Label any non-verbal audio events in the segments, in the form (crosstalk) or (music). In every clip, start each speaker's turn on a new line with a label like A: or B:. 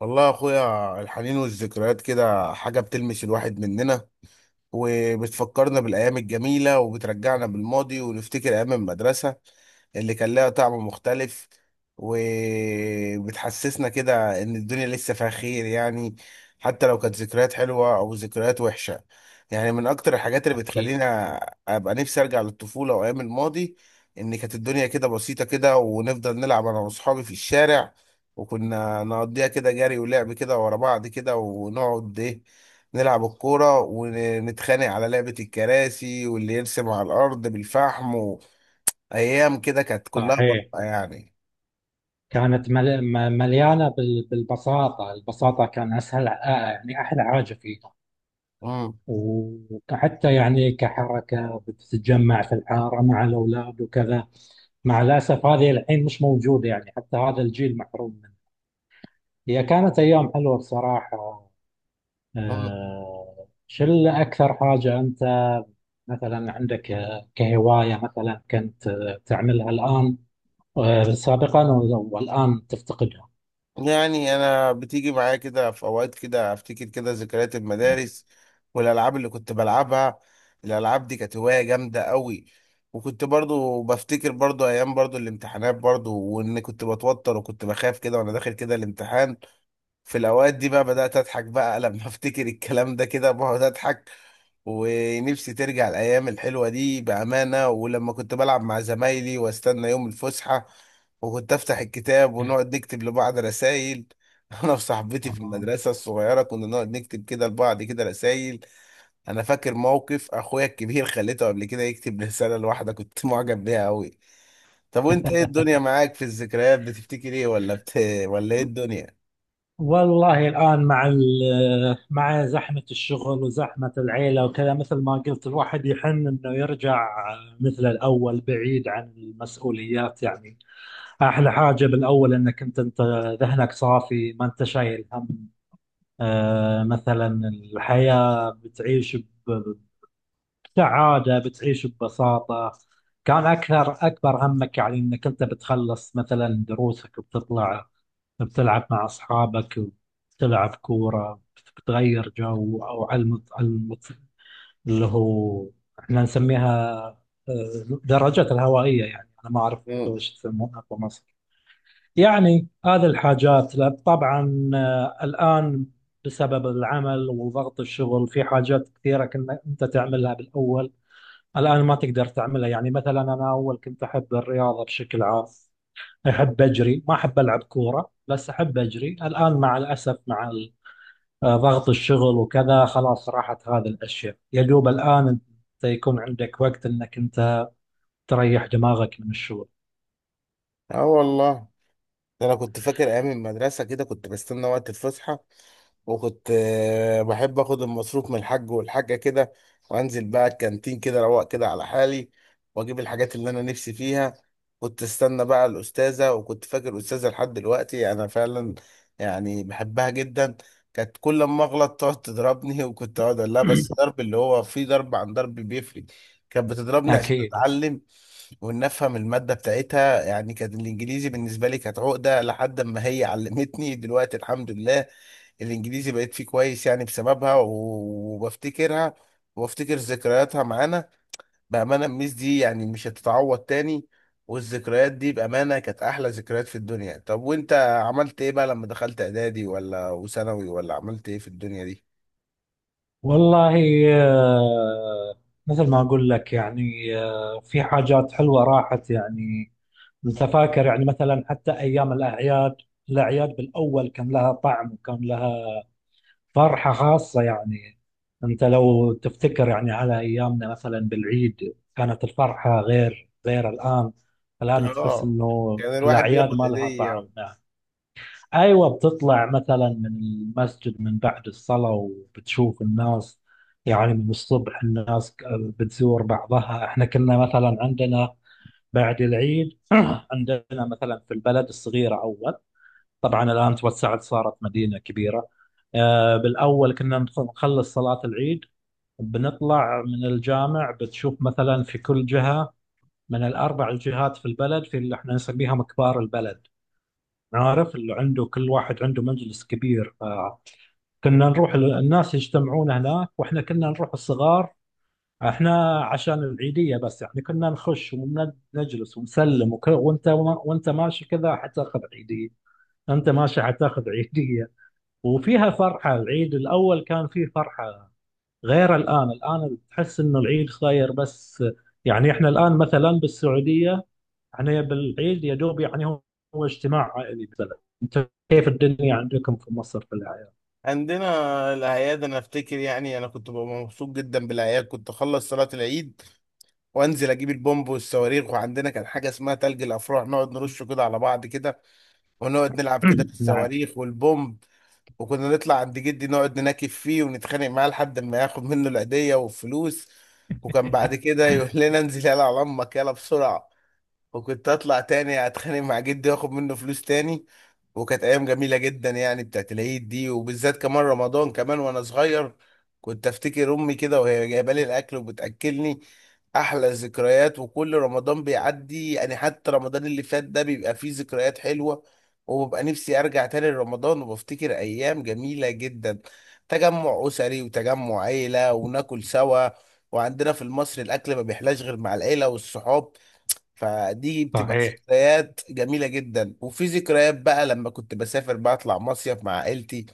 A: والله يا اخويا، الحنين والذكريات كده حاجة بتلمس الواحد مننا، وبتفكرنا بالأيام الجميلة وبترجعنا بالماضي ونفتكر أيام المدرسة اللي كان لها طعم مختلف، وبتحسسنا كده إن الدنيا لسه فيها خير يعني. حتى لو كانت ذكريات حلوة أو ذكريات وحشة، يعني من أكتر الحاجات اللي
B: أكيد.
A: بتخلينا أبقى نفسي أرجع للطفولة وأيام الماضي. إن كانت الدنيا كده بسيطة كده ونفضل نلعب أنا وأصحابي في الشارع، وكنا نقضيها كده جري ولعب كده ورا بعض كده ونقعد إيه، نلعب الكورة ونتخانق على لعبة الكراسي واللي يرسم على الأرض بالفحم، وأيام كده كانت كلها
B: صحيح.
A: براءة يعني.
B: كانت مليانة بالبساطة كان أسهل، يعني أحلى حاجة فيها.
A: مم.
B: وحتى يعني كحركة بتتجمع في الحارة مع الأولاد وكذا. مع الأسف هذه الحين مش موجودة، يعني حتى هذا الجيل محروم منها. هي كانت أيام حلوة بصراحة.
A: مم.
B: شو اللي أكثر حاجة أنت مثلا عندك، كهواية مثلا كنت تعملها الآن، سابقا والآن تفتقدها؟
A: يعني أنا بتيجي معايا كده في أوقات كده أفتكر كده ذكريات المدارس والألعاب اللي كنت بلعبها. الألعاب دي كانت هواية جامدة قوي. وكنت برضو بفتكر برضو أيام برضو الامتحانات برضو وإن كنت بتوتر وكنت بخاف كده وأنا داخل كده الامتحان. في الأوقات دي بقى بدأت أضحك بقى (laughs) لما أفتكر الكلام ده كده بقعد أضحك. ونفسي ترجع الايام الحلوه دي بامانه، ولما كنت بلعب مع زمايلي واستنى يوم الفسحه وكنت افتح الكتاب ونقعد نكتب لبعض رسائل. (laughs) انا وصاحبتي في
B: آه.
A: المدرسه الصغيره كنا نقعد نكتب كده لبعض كده رسائل. انا فاكر موقف اخويا الكبير، خليته قبل كده يكتب رساله لواحده كنت (laughs) معجب بيها قوي. طب وانت ايه الدنيا معاك في الذكريات؟ بتفتكر ايه؟ (laughs) ولا ايه الدنيا؟
B: والله الآن مع زحمة الشغل وزحمة العيلة وكذا، مثل ما قلت الواحد يحن إنه يرجع مثل الأول بعيد عن المسؤوليات يعني. أحلى حاجة بالأول إنك أنت ذهنك صافي، ما أنت شايل هم. مثلا الحياة بتعيش بسعادة، بتعيش ببساطة. كان أكثر أكبر همك يعني إنك أنت بتخلص مثلا دروسك وبتطلع، بتلعب مع أصحابك، بتلعب كورة، بتغير جو أو على المط... على المط... اللي هو احنا نسميها درجات الهوائية. يعني أنا ما أعرف أنتوا
A: مم.
B: وش تسمونها في مصر. يعني هذه الحاجات لا، طبعا، الآن بسبب العمل وضغط الشغل في حاجات كثيرة كنا أنت تعملها بالأول، الآن ما تقدر تعملها. يعني مثلا أنا أول كنت أحب الرياضة بشكل عام، أحب أجري، ما أحب ألعب كورة بس أحب أجري. الآن مع الأسف مع ضغط الشغل وكذا خلاص راحت هذه الأشياء، يا دوب الآن أنت يكون عندك وقت أنك أنت تريح دماغك من الشغل.
A: اه والله، ده انا كنت فاكر ايام المدرسه كده كنت بستنى وقت الفسحه، وكنت بحب اخد المصروف من الحاج والحاجه كده وانزل بقى الكانتين كده روق كده على حالي واجيب الحاجات اللي انا نفسي فيها. كنت استنى بقى الاستاذه، وكنت فاكر استاذه لحد دلوقتي انا فعلا، يعني بحبها جدا. كانت كل ما اغلط تقعد تضربني (laughs) وكنت اقعد اقول لها بس
B: (clears throat)
A: ضرب اللي هو فيه ضرب عن ضرب بيفرق. كانت بتضربني عشان
B: أكيد.
A: اتعلم وان افهم الماده بتاعتها يعني. كان الانجليزي بالنسبه لي كانت عقده لحد ما هي علمتني دلوقتي، الحمد لله الانجليزي بقيت فيه كويس يعني بسببها وبفتكرها وبفتكر ذكرياتها معانا. بامانه الميس دي يعني مش هتتعوض تاني، والذكريات دي بامانه كانت احلى ذكريات في الدنيا. طب وانت عملت ايه بقى لما دخلت اعدادي ولا وثانوي ولا عملت ايه في الدنيا دي؟
B: والله آه، مثل ما أقول لك يعني، في حاجات حلوة راحت يعني. أنت فاكر يعني مثلا حتى أيام الأعياد، الأعياد بالأول كان لها طعم وكان لها فرحة خاصة يعني. أنت لو تفتكر يعني على أيامنا مثلا بالعيد كانت الفرحة غير الآن. الآن تحس
A: اه،
B: إنه
A: كان الواحد
B: الأعياد
A: بياخد
B: ما لها
A: هديه.
B: طعم. أيوة، بتطلع مثلا من المسجد من بعد الصلاة وبتشوف الناس. يعني من الصبح الناس بتزور بعضها. إحنا كنا مثلا عندنا بعد العيد. (clears throat) عندنا مثلا في البلد الصغيرة أول، طبعا الآن توسعت صارت مدينة كبيرة. بالأول كنا نخلص صلاة العيد، بنطلع من الجامع بتشوف مثلا في كل جهة من الأربع الجهات في البلد، في اللي احنا نسميها مكبار البلد. عارف، اللي عنده كل واحد عنده مجلس كبير. كنا نروح الناس يجتمعون هناك، واحنا كنا نروح الصغار احنا عشان العيدية بس يعني. كنا نخش ونجلس ونسلم وانت، وانت ماشي كذا حتاخذ عيدية، انت ماشي حتاخذ عيدية. وفيها فرحة العيد الأول كان فيه فرحة غير الآن تحس إنه العيد صاير بس. يعني إحنا الآن مثلا بالسعودية، إحنا بالعيد يا دوب يعني هو اجتماع عائلي مثلا. أنت كيف الدنيا عندكم في مصر في الأعياد؟
A: عندنا الأعياد، أنا أفتكر يعني أنا كنت ببقى مبسوط جدا بالأعياد، كنت أخلص صلاة العيد وأنزل أجيب البومب والصواريخ، وعندنا كان حاجة اسمها تلج الأفراح نقعد نرش كده على بعض كده ونقعد
B: (coughs)
A: نلعب كده في
B: (clears throat) نعم.
A: الصواريخ والبومب. وكنا نطلع عند جدي نقعد نناكف فيه ونتخانق معاه لحد ما ياخد منه العيدية والفلوس، وكان بعد كده يقول لنا انزل يلا على أمك يلا بسرعة، وكنت اطلع تاني اتخانق مع جدي واخد منه فلوس تاني. وكانت ايام جميله جدا يعني بتاعت العيد دي. وبالذات كمان رمضان كمان وانا صغير كنت افتكر امي كده وهي جايبه لي الاكل وبتاكلني. احلى ذكريات، وكل رمضان بيعدي يعني حتى رمضان اللي فات ده بيبقى فيه ذكريات حلوه. وببقى نفسي ارجع تاني لرمضان وبفتكر ايام جميله جدا، تجمع اسري وتجمع عيله وناكل سوا. وعندنا في مصر الاكل ما بيحلاش غير مع العيله والصحاب، فدي بتبقى
B: صحيح.
A: ذكريات جميلة جدا. وفي ذكريات بقى لما كنت بسافر بطلع مصيف مع عائلتي،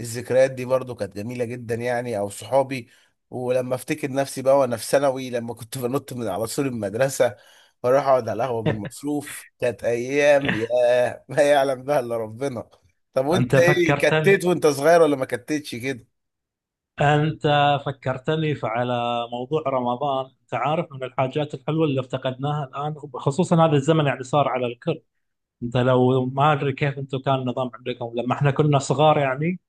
A: الذكريات دي برضو كانت جميلة جدا يعني، او صحابي. ولما افتكر نفسي بقى وانا في ثانوي لما كنت (laughs) بنط من على سور المدرسة واروح اقعد على القهوة بالمصروف، كانت ايام
B: (laughs)
A: ياه (laughs) ما يعلم بها الا ربنا. طب
B: أنت
A: وانت ايه
B: فكرتني
A: كتت وانت صغير ولا ما كتتش كده؟
B: أنت فكرتني على موضوع رمضان. أنت عارف من الحاجات الحلوة اللي افتقدناها الآن خصوصا هذا الزمن، يعني صار على الكل. انت لو ما ادري كيف انتم كان النظام عندكم لما احنا كنا صغار يعني.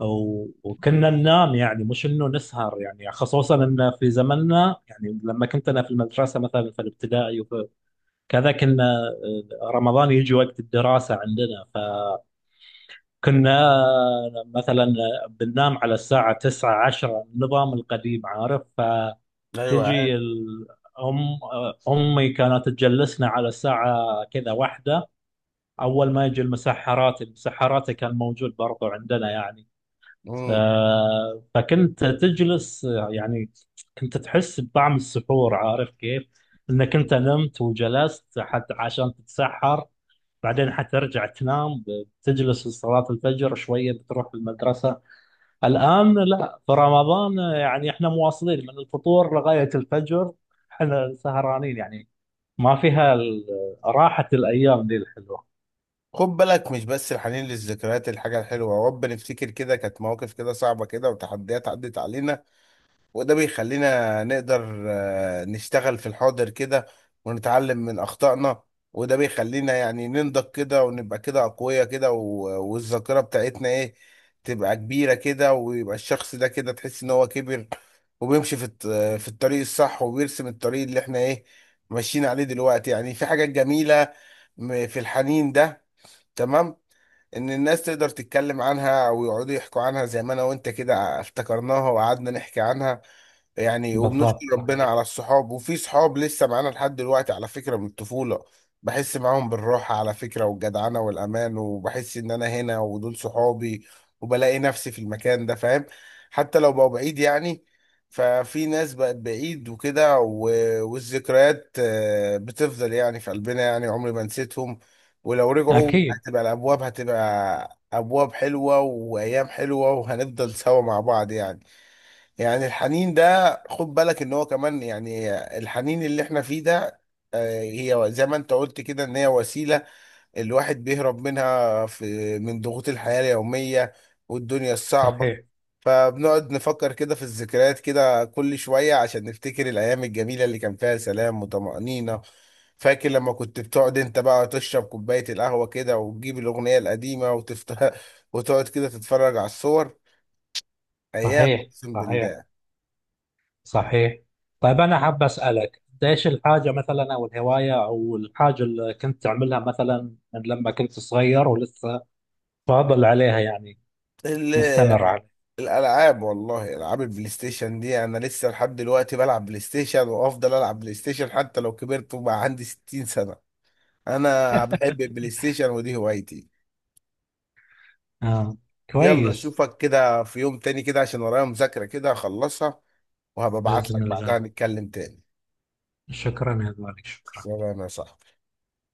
B: وكنا ننام يعني، مش انه نسهر. يعني خصوصا ان في زمننا يعني لما كنت انا في المدرسه مثلا، في الابتدائي وفي كذا كنا، رمضان يجي وقت الدراسه عندنا، فكنا مثلا بننام على الساعه 9 10، النظام القديم عارف. فتجي
A: ايوه.
B: الأم أمي كانت تجلسنا على الساعة كذا واحدة، اول ما يجي المسحرات. المسحرات كان موجود برضو عندنا يعني.
A: عارف،
B: فكنت تجلس يعني، كنت تحس بطعم السحور، عارف كيف، انك انت نمت وجلست حتى عشان تتسحر. بعدين حترجع تنام، تجلس لصلاة الفجر شوية بتروح المدرسة. الآن لا، في رمضان يعني احنا مواصلين من الفطور لغاية الفجر، احنا سهرانين يعني. ما فيها راحة الأيام دي الحلوة.
A: خد بالك مش بس الحنين للذكريات الحاجة الحلوة، ورب نفتكر كده كانت مواقف كده صعبة كده وتحديات عدت علينا، وده بيخلينا نقدر نشتغل في الحاضر كده ونتعلم من أخطائنا. وده بيخلينا يعني ننضج كده ونبقى كده أقوياء كده والذاكرة بتاعتنا إيه، تبقى كبيرة كده ويبقى الشخص ده كده تحس إن هو كبر وبيمشي في في الطريق الصح وبيرسم الطريق اللي إحنا إيه ماشيين عليه دلوقتي يعني. في حاجات جميلة في الحنين ده تمام، ان الناس تقدر تتكلم عنها او يقعدوا يحكوا عنها زي ما انا وانت كده افتكرناها وقعدنا نحكي عنها يعني. وبنشكر
B: بالضبط،
A: ربنا
B: صحيح.
A: على الصحاب، وفي صحاب لسه معانا لحد دلوقتي على فكرة من الطفولة، بحس معاهم بالراحة على فكرة والجدعنة والأمان، وبحس إن أنا هنا ودول صحابي وبلاقي نفسي في المكان ده فاهم، حتى لو بقوا بعيد يعني. ففي ناس بقت بعيد وكده والذكريات بتفضل يعني في قلبنا يعني عمري ما نسيتهم، ولو رجعوا
B: أكيد،
A: هتبقى الأبواب هتبقى أبواب حلوة وأيام حلوة وهنفضل سوا مع بعض يعني. يعني الحنين ده خد بالك ان هو كمان يعني، الحنين اللي احنا فيه ده هي زي ما انت قلت كده ان هي وسيلة الواحد بيهرب منها في من ضغوط الحياة اليومية والدنيا الصعبة.
B: صحيح.
A: فبنقعد نفكر كده في الذكريات كده كل شوية عشان نفتكر الأيام الجميلة اللي كان فيها سلام وطمأنينة. فاكر لما كنت بتقعد انت بقى تشرب كوباية القهوة كده وتجيب الأغنية القديمة وتفتح (laughs) وتقعد كده تتفرج على الصور، أيام
B: صحيح.
A: أقسم
B: صحيح. صحيح. طيب، أنا حاب أسألك أنت إيش الحاجة مثلا أو الهواية أو الحاجة اللي كنت تعملها مثلا من لما كنت صغير ولسه فاضل عليها يعني،
A: بالله.
B: مستمر عليها.
A: الالعاب، والله العاب البلاي ستيشن دي انا لسه لحد دلوقتي بلعب بلاي ستيشن وافضل العب بلاي ستيشن حتى لو كبرت وبقى عندي 60 سنة. انا بحب
B: (laughs)
A: البلاي ستيشن ودي هوايتي.
B: آه.
A: يلا
B: كويس.
A: اشوفك كده في يوم تاني كده عشان ورايا مذاكرة كده اخلصها، وهبقى ابعت لك
B: بإذن
A: بعدها
B: الله.
A: نتكلم تاني.
B: شكرا يا غالي، شكرا.
A: سلام يا صاحبي.